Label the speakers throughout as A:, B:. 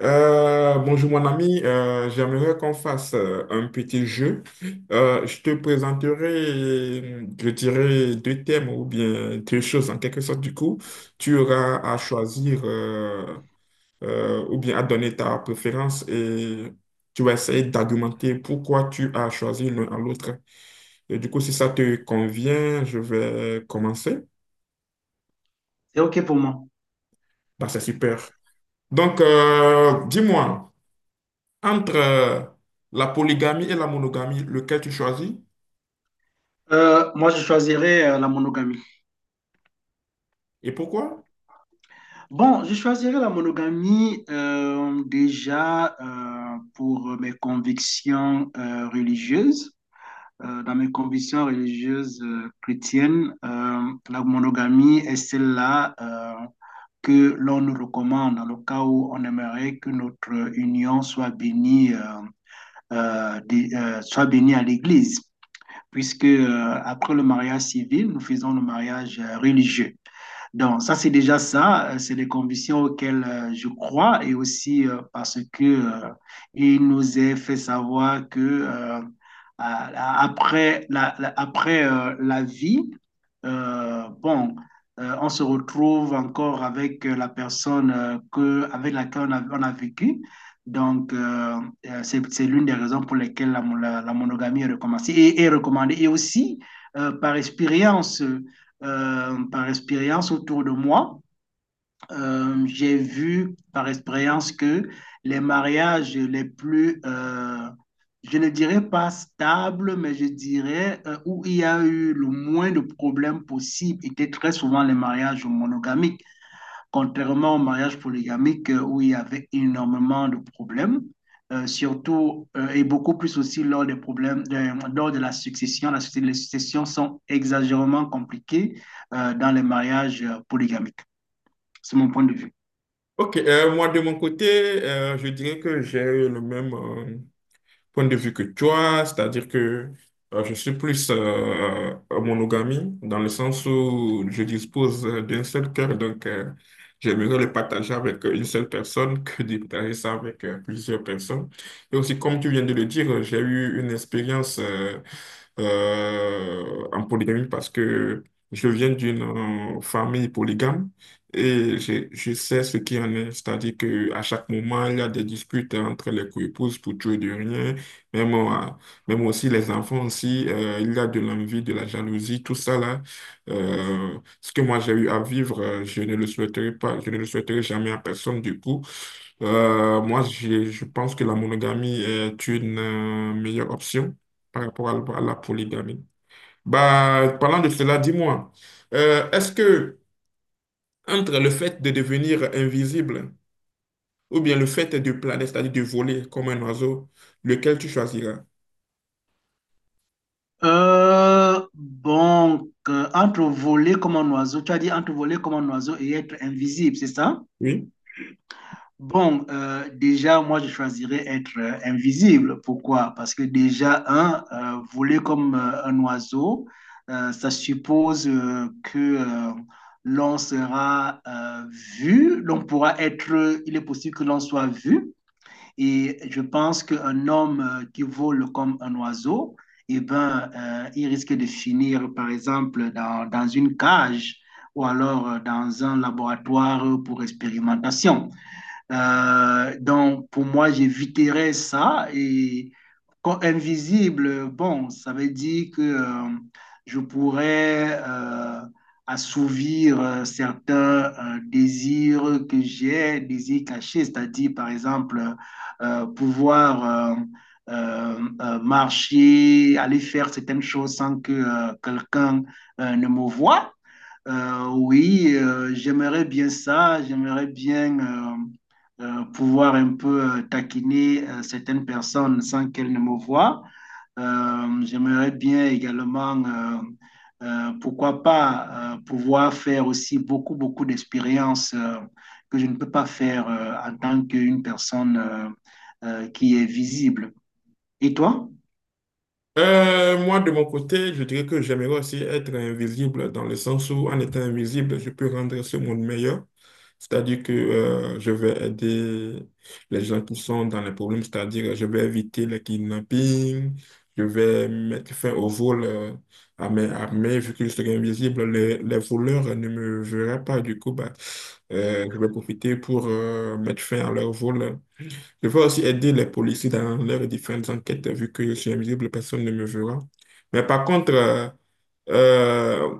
A: Bonjour mon ami. J'aimerais qu'on fasse un petit jeu. Je te présenterai, je dirais, deux thèmes ou bien deux choses en quelque sorte. Du coup, tu auras à choisir ou bien à donner ta préférence et tu vas essayer d'argumenter pourquoi tu as choisi l'un à l'autre. Et du coup, si ça te convient, je vais commencer.
B: C'est OK pour moi.
A: Bah, c'est super. Donc, dis-moi. Entre la polygamie et la monogamie, lequel tu choisis
B: Moi, je choisirais la monogamie.
A: et pourquoi?
B: Bon, je choisirais la monogamie déjà pour mes convictions religieuses. Dans mes convictions religieuses chrétiennes, la monogamie est celle-là que l'on nous recommande dans le cas où on aimerait que notre union soit bénie, soit bénie à l'Église, puisque après le mariage civil, nous faisons le mariage religieux. Donc, ça, c'est déjà ça. C'est des convictions auxquelles je crois, et aussi parce que il nous est fait savoir que après après, la vie, euh, bon, on se retrouve encore avec la personne avec laquelle on a vécu. Donc, c'est l'une des raisons pour lesquelles la monogamie est recommandée est recommandée. Et aussi, euh, par expérience par expérience autour de moi. J'ai vu par expérience que les mariages les plus, je ne dirais pas stables, mais je dirais où il y a eu le moins de problèmes possible étaient très souvent les mariages monogamiques, contrairement au mariage polygamique où il y avait énormément de problèmes, surtout et beaucoup plus aussi lors des problèmes de, lors de la succession. Les successions sont exagérément compliquées dans les mariages polygamiques. C'est mon point de vue.
A: Ok, moi de mon côté, je dirais que j'ai le même. Point de vue que toi, c'est-à-dire que je suis plus en monogamie, dans le sens où je dispose d'un seul cœur, donc j'aimerais le partager avec une seule personne que de partager ça avec plusieurs personnes. Et aussi, comme tu viens de le dire, j'ai eu une expérience en polygamie parce que je viens d'une famille polygame. Et je sais ce qui en est, c'est-à-dire qu'à chaque moment, il y a des disputes entre les coépouses pour tuer de rien. Même, moi- Même aussi les enfants aussi, il y a de l'envie, de la jalousie, tout ça là. Ce que moi j'ai eu à vivre, je ne le souhaiterais pas, je ne le souhaiterais jamais à personne du coup. Je pense que la monogamie est une meilleure option par rapport à la polygamie. Bah, parlant de cela, dis-moi, est-ce que entre le fait de devenir invisible ou bien le fait de planer, c'est-à-dire de voler comme un oiseau, lequel tu choisiras?
B: Entre voler comme un oiseau, tu as dit, entre voler comme un oiseau et être invisible, c'est ça?
A: Oui.
B: Bon, déjà, moi, je choisirais être invisible. Pourquoi? Parce que déjà, un, voler comme un oiseau, ça suppose que l'on sera vu, l'on pourra être, il est possible que l'on soit vu. Et je pense qu'un homme qui vole comme un oiseau, eh ben, il risque de finir, par exemple, dans une cage ou alors dans un laboratoire pour expérimentation. Donc, pour moi, j'éviterais ça. Et quand invisible, bon, ça veut dire que je pourrais assouvir certains désirs que j'ai, désirs cachés, c'est-à-dire, par exemple, pouvoir euh, marcher, aller faire certaines choses sans que quelqu'un ne me voie. Oui, j'aimerais bien ça, j'aimerais bien pouvoir un peu taquiner certaines personnes sans qu'elles ne me voient. J'aimerais bien également, pourquoi pas, pouvoir faire aussi beaucoup, beaucoup d'expériences que je ne peux pas faire en tant qu'une personne qui est visible. Et toi?
A: Moi, de mon côté, je dirais que j'aimerais aussi être invisible dans le sens où, en étant invisible, je peux rendre ce monde meilleur. C'est-à-dire que je vais aider les gens qui sont dans les problèmes, c'est-à-dire je vais éviter les kidnappings, je vais mettre fin au vol à mes, à vu que je serai invisible, les voleurs ne me verraient pas. Du coup, bah, je vais profiter pour mettre fin à leur vol. Je veux aussi aider les policiers dans leurs différentes enquêtes, vu que je suis invisible, personne ne me verra. Mais par contre, euh,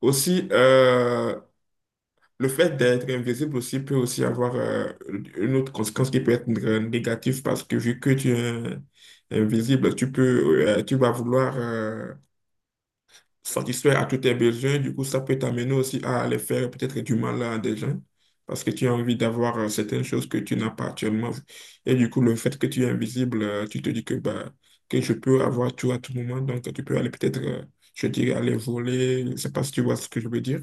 A: aussi, euh, le fait d'être invisible aussi peut aussi avoir une autre conséquence qui peut être négative parce que vu que tu es invisible, tu peux, tu vas vouloir satisfaire à tous tes besoins. Du coup, ça peut t'amener aussi à aller faire peut-être du mal à des gens parce que tu as envie d'avoir certaines choses que tu n'as pas actuellement. Et du coup, le fait que tu es invisible, tu te dis que, bah, que je peux avoir tout à tout moment. Donc, tu peux aller peut-être, je dirais, aller voler. Je ne sais pas si tu vois ce que je veux dire.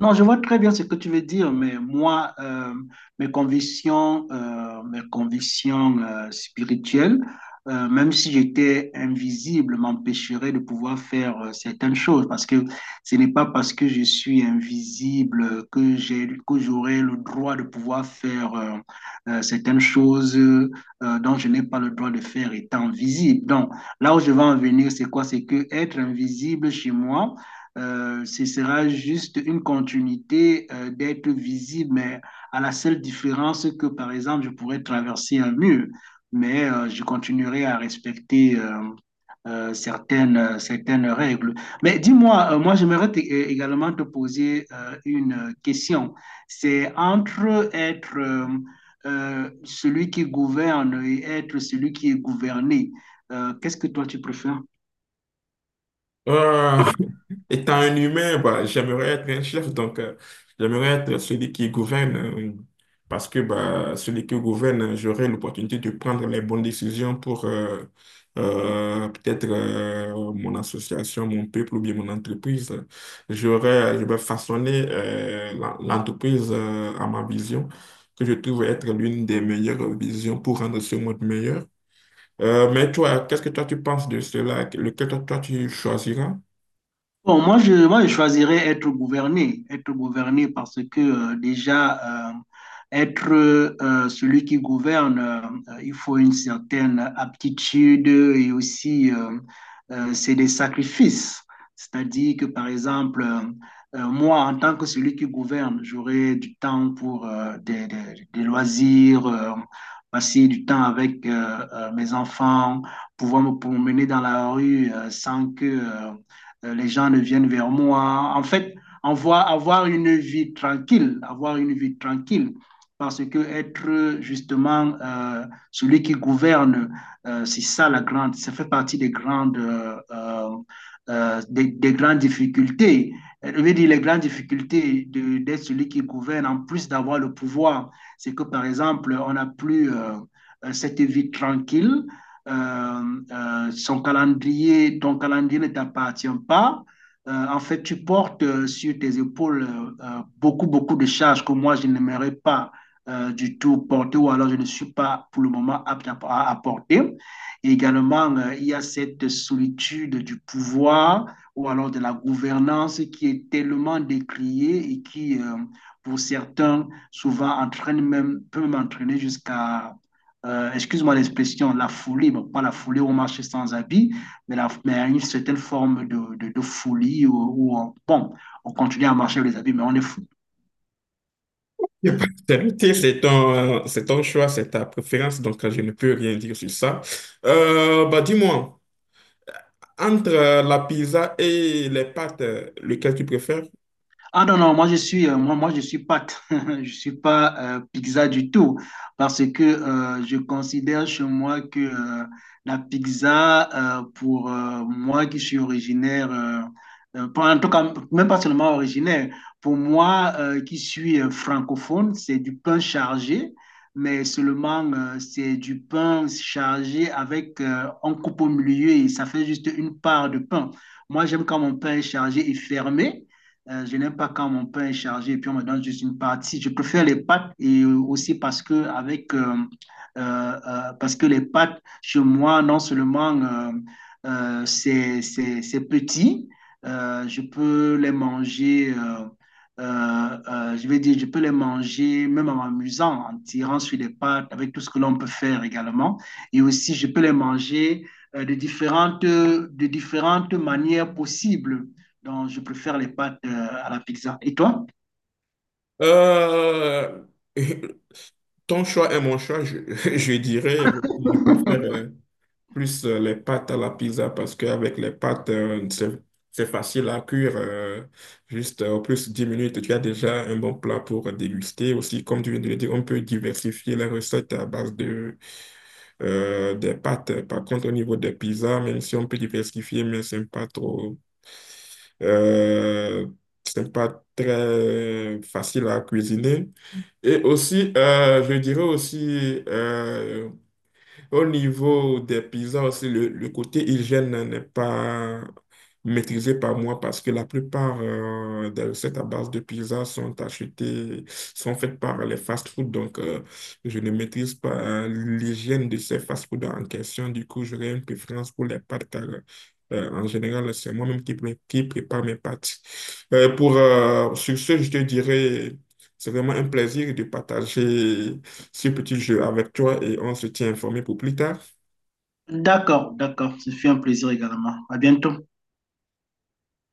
B: Non, je vois très bien ce que tu veux dire, mais moi, mes convictions, mes convictions spirituelles, même si j'étais invisible, m'empêcheraient de pouvoir faire certaines choses, parce que ce n'est pas parce que je suis invisible que j'ai, que j'aurai le droit de pouvoir faire certaines choses dont je n'ai pas le droit de faire étant visible. Donc, là où je veux en venir, c'est quoi? C'est que être invisible chez moi ce sera juste une continuité d'être visible, mais à la seule différence que, par exemple, je pourrais traverser un mur, mais je continuerai à respecter certaines règles. Mais dis-moi, moi, j'aimerais également te poser une question. C'est entre être celui qui gouverne et être celui qui est gouverné. Qu'est-ce que toi tu préfères?
A: Euh, Étant un humain, bah, j'aimerais être un chef, donc j'aimerais être celui qui gouverne, parce que bah, celui qui gouverne, j'aurai l'opportunité de prendre les bonnes décisions pour peut-être mon association, mon peuple ou bien mon entreprise. J'aurai je vais façonner l'entreprise à ma vision, que je trouve être l'une des meilleures visions pour rendre ce monde meilleur. Mais toi, qu'est-ce que toi tu penses de cela? Lequel toi, tu choisiras?
B: Bon, moi, je choisirais être gouverné parce que déjà, être celui qui gouverne, il faut une certaine aptitude, et aussi, c'est des sacrifices. C'est-à-dire que, par exemple, moi, en tant que celui qui gouverne, j'aurai du temps pour des loisirs, passer du temps avec mes enfants, pouvoir me promener dans la rue sans que les gens ne viennent vers moi. En fait, avoir une vie tranquille, avoir une vie tranquille, parce que être justement celui qui gouverne, c'est ça la grande, ça fait partie des grandes, grandes difficultés. Je veux dire, les grandes difficultés d'être celui qui gouverne, en plus d'avoir le pouvoir, c'est que par exemple, on n'a plus cette vie tranquille, ton calendrier ne t'appartient pas. En fait, tu portes sur tes épaules beaucoup, beaucoup de charges que moi, je n'aimerais pas du tout porter, ou alors je ne suis pas pour le moment apte à porter. Et également, il y a cette solitude du pouvoir ou alors de la gouvernance, qui est tellement décriée et qui, pour certains, souvent entraîne même, peut m'entraîner jusqu'à excuse-moi l'expression, la folie, bon, pas la folie où on marche sans habit, mais, mais une certaine forme de folie où, où on, bon, on continue à marcher avec les habits, mais on est fou.
A: Je vais pas t'inviter. C'est ton choix, c'est ta préférence, donc je ne peux rien dire sur ça. Bah, dis-moi, entre la pizza et les pâtes, lequel tu préfères?
B: Ah non, non, moi, je suis pâte, je suis pas pizza du tout, parce que je considère chez moi que la pizza, pour moi qui suis originaire, en tout cas, même pas seulement originaire, pour moi qui suis francophone, c'est du pain chargé, mais seulement c'est du pain chargé avec on coupe au milieu et ça fait juste une part de pain. Moi j'aime quand mon pain est chargé et fermé. Je n'aime pas quand mon pain est chargé et puis on me donne juste une partie. Je préfère les pâtes, et aussi parce que avec parce que les pâtes chez moi non seulement c'est petit, je peux les manger. Je vais dire, je peux les manger même en m'amusant, en tirant sur les pâtes, avec tout ce que l'on peut faire également. Et aussi, je peux les manger de différentes manières possibles. Donc, je préfère les pâtes à la pizza. Et toi?
A: Euh, ton choix et mon choix, je dirais, je préfère. Plus les pâtes à la pizza parce qu'avec les pâtes, c'est facile à cuire. Juste en plus 10 minutes, tu as déjà un bon plat pour déguster. Aussi, comme tu viens de le dire, on peut diversifier les recettes à base de, des pâtes. Par contre, au niveau des pizzas, même si on peut diversifier, mais c'est pas trop. euh, c'est pas très facile à cuisiner. Et aussi, je dirais aussi. Au niveau des pizzas aussi, le côté hygiène n'est pas maîtrisé par moi parce que la plupart des recettes à base de pizza sont achetées, sont faites par les fast-food. Donc, je ne maîtrise pas l'hygiène de ces fast-food en question. Du coup, j'aurais une préférence pour les pâtes car en général, c'est moi-même qui prépare mes pâtes. Sur ce, je te dirais, c'est vraiment un plaisir de partager ce petit jeu avec toi et on se tient informé pour plus tard.
B: D'accord, d'accord. Ce fut un plaisir également. À bientôt.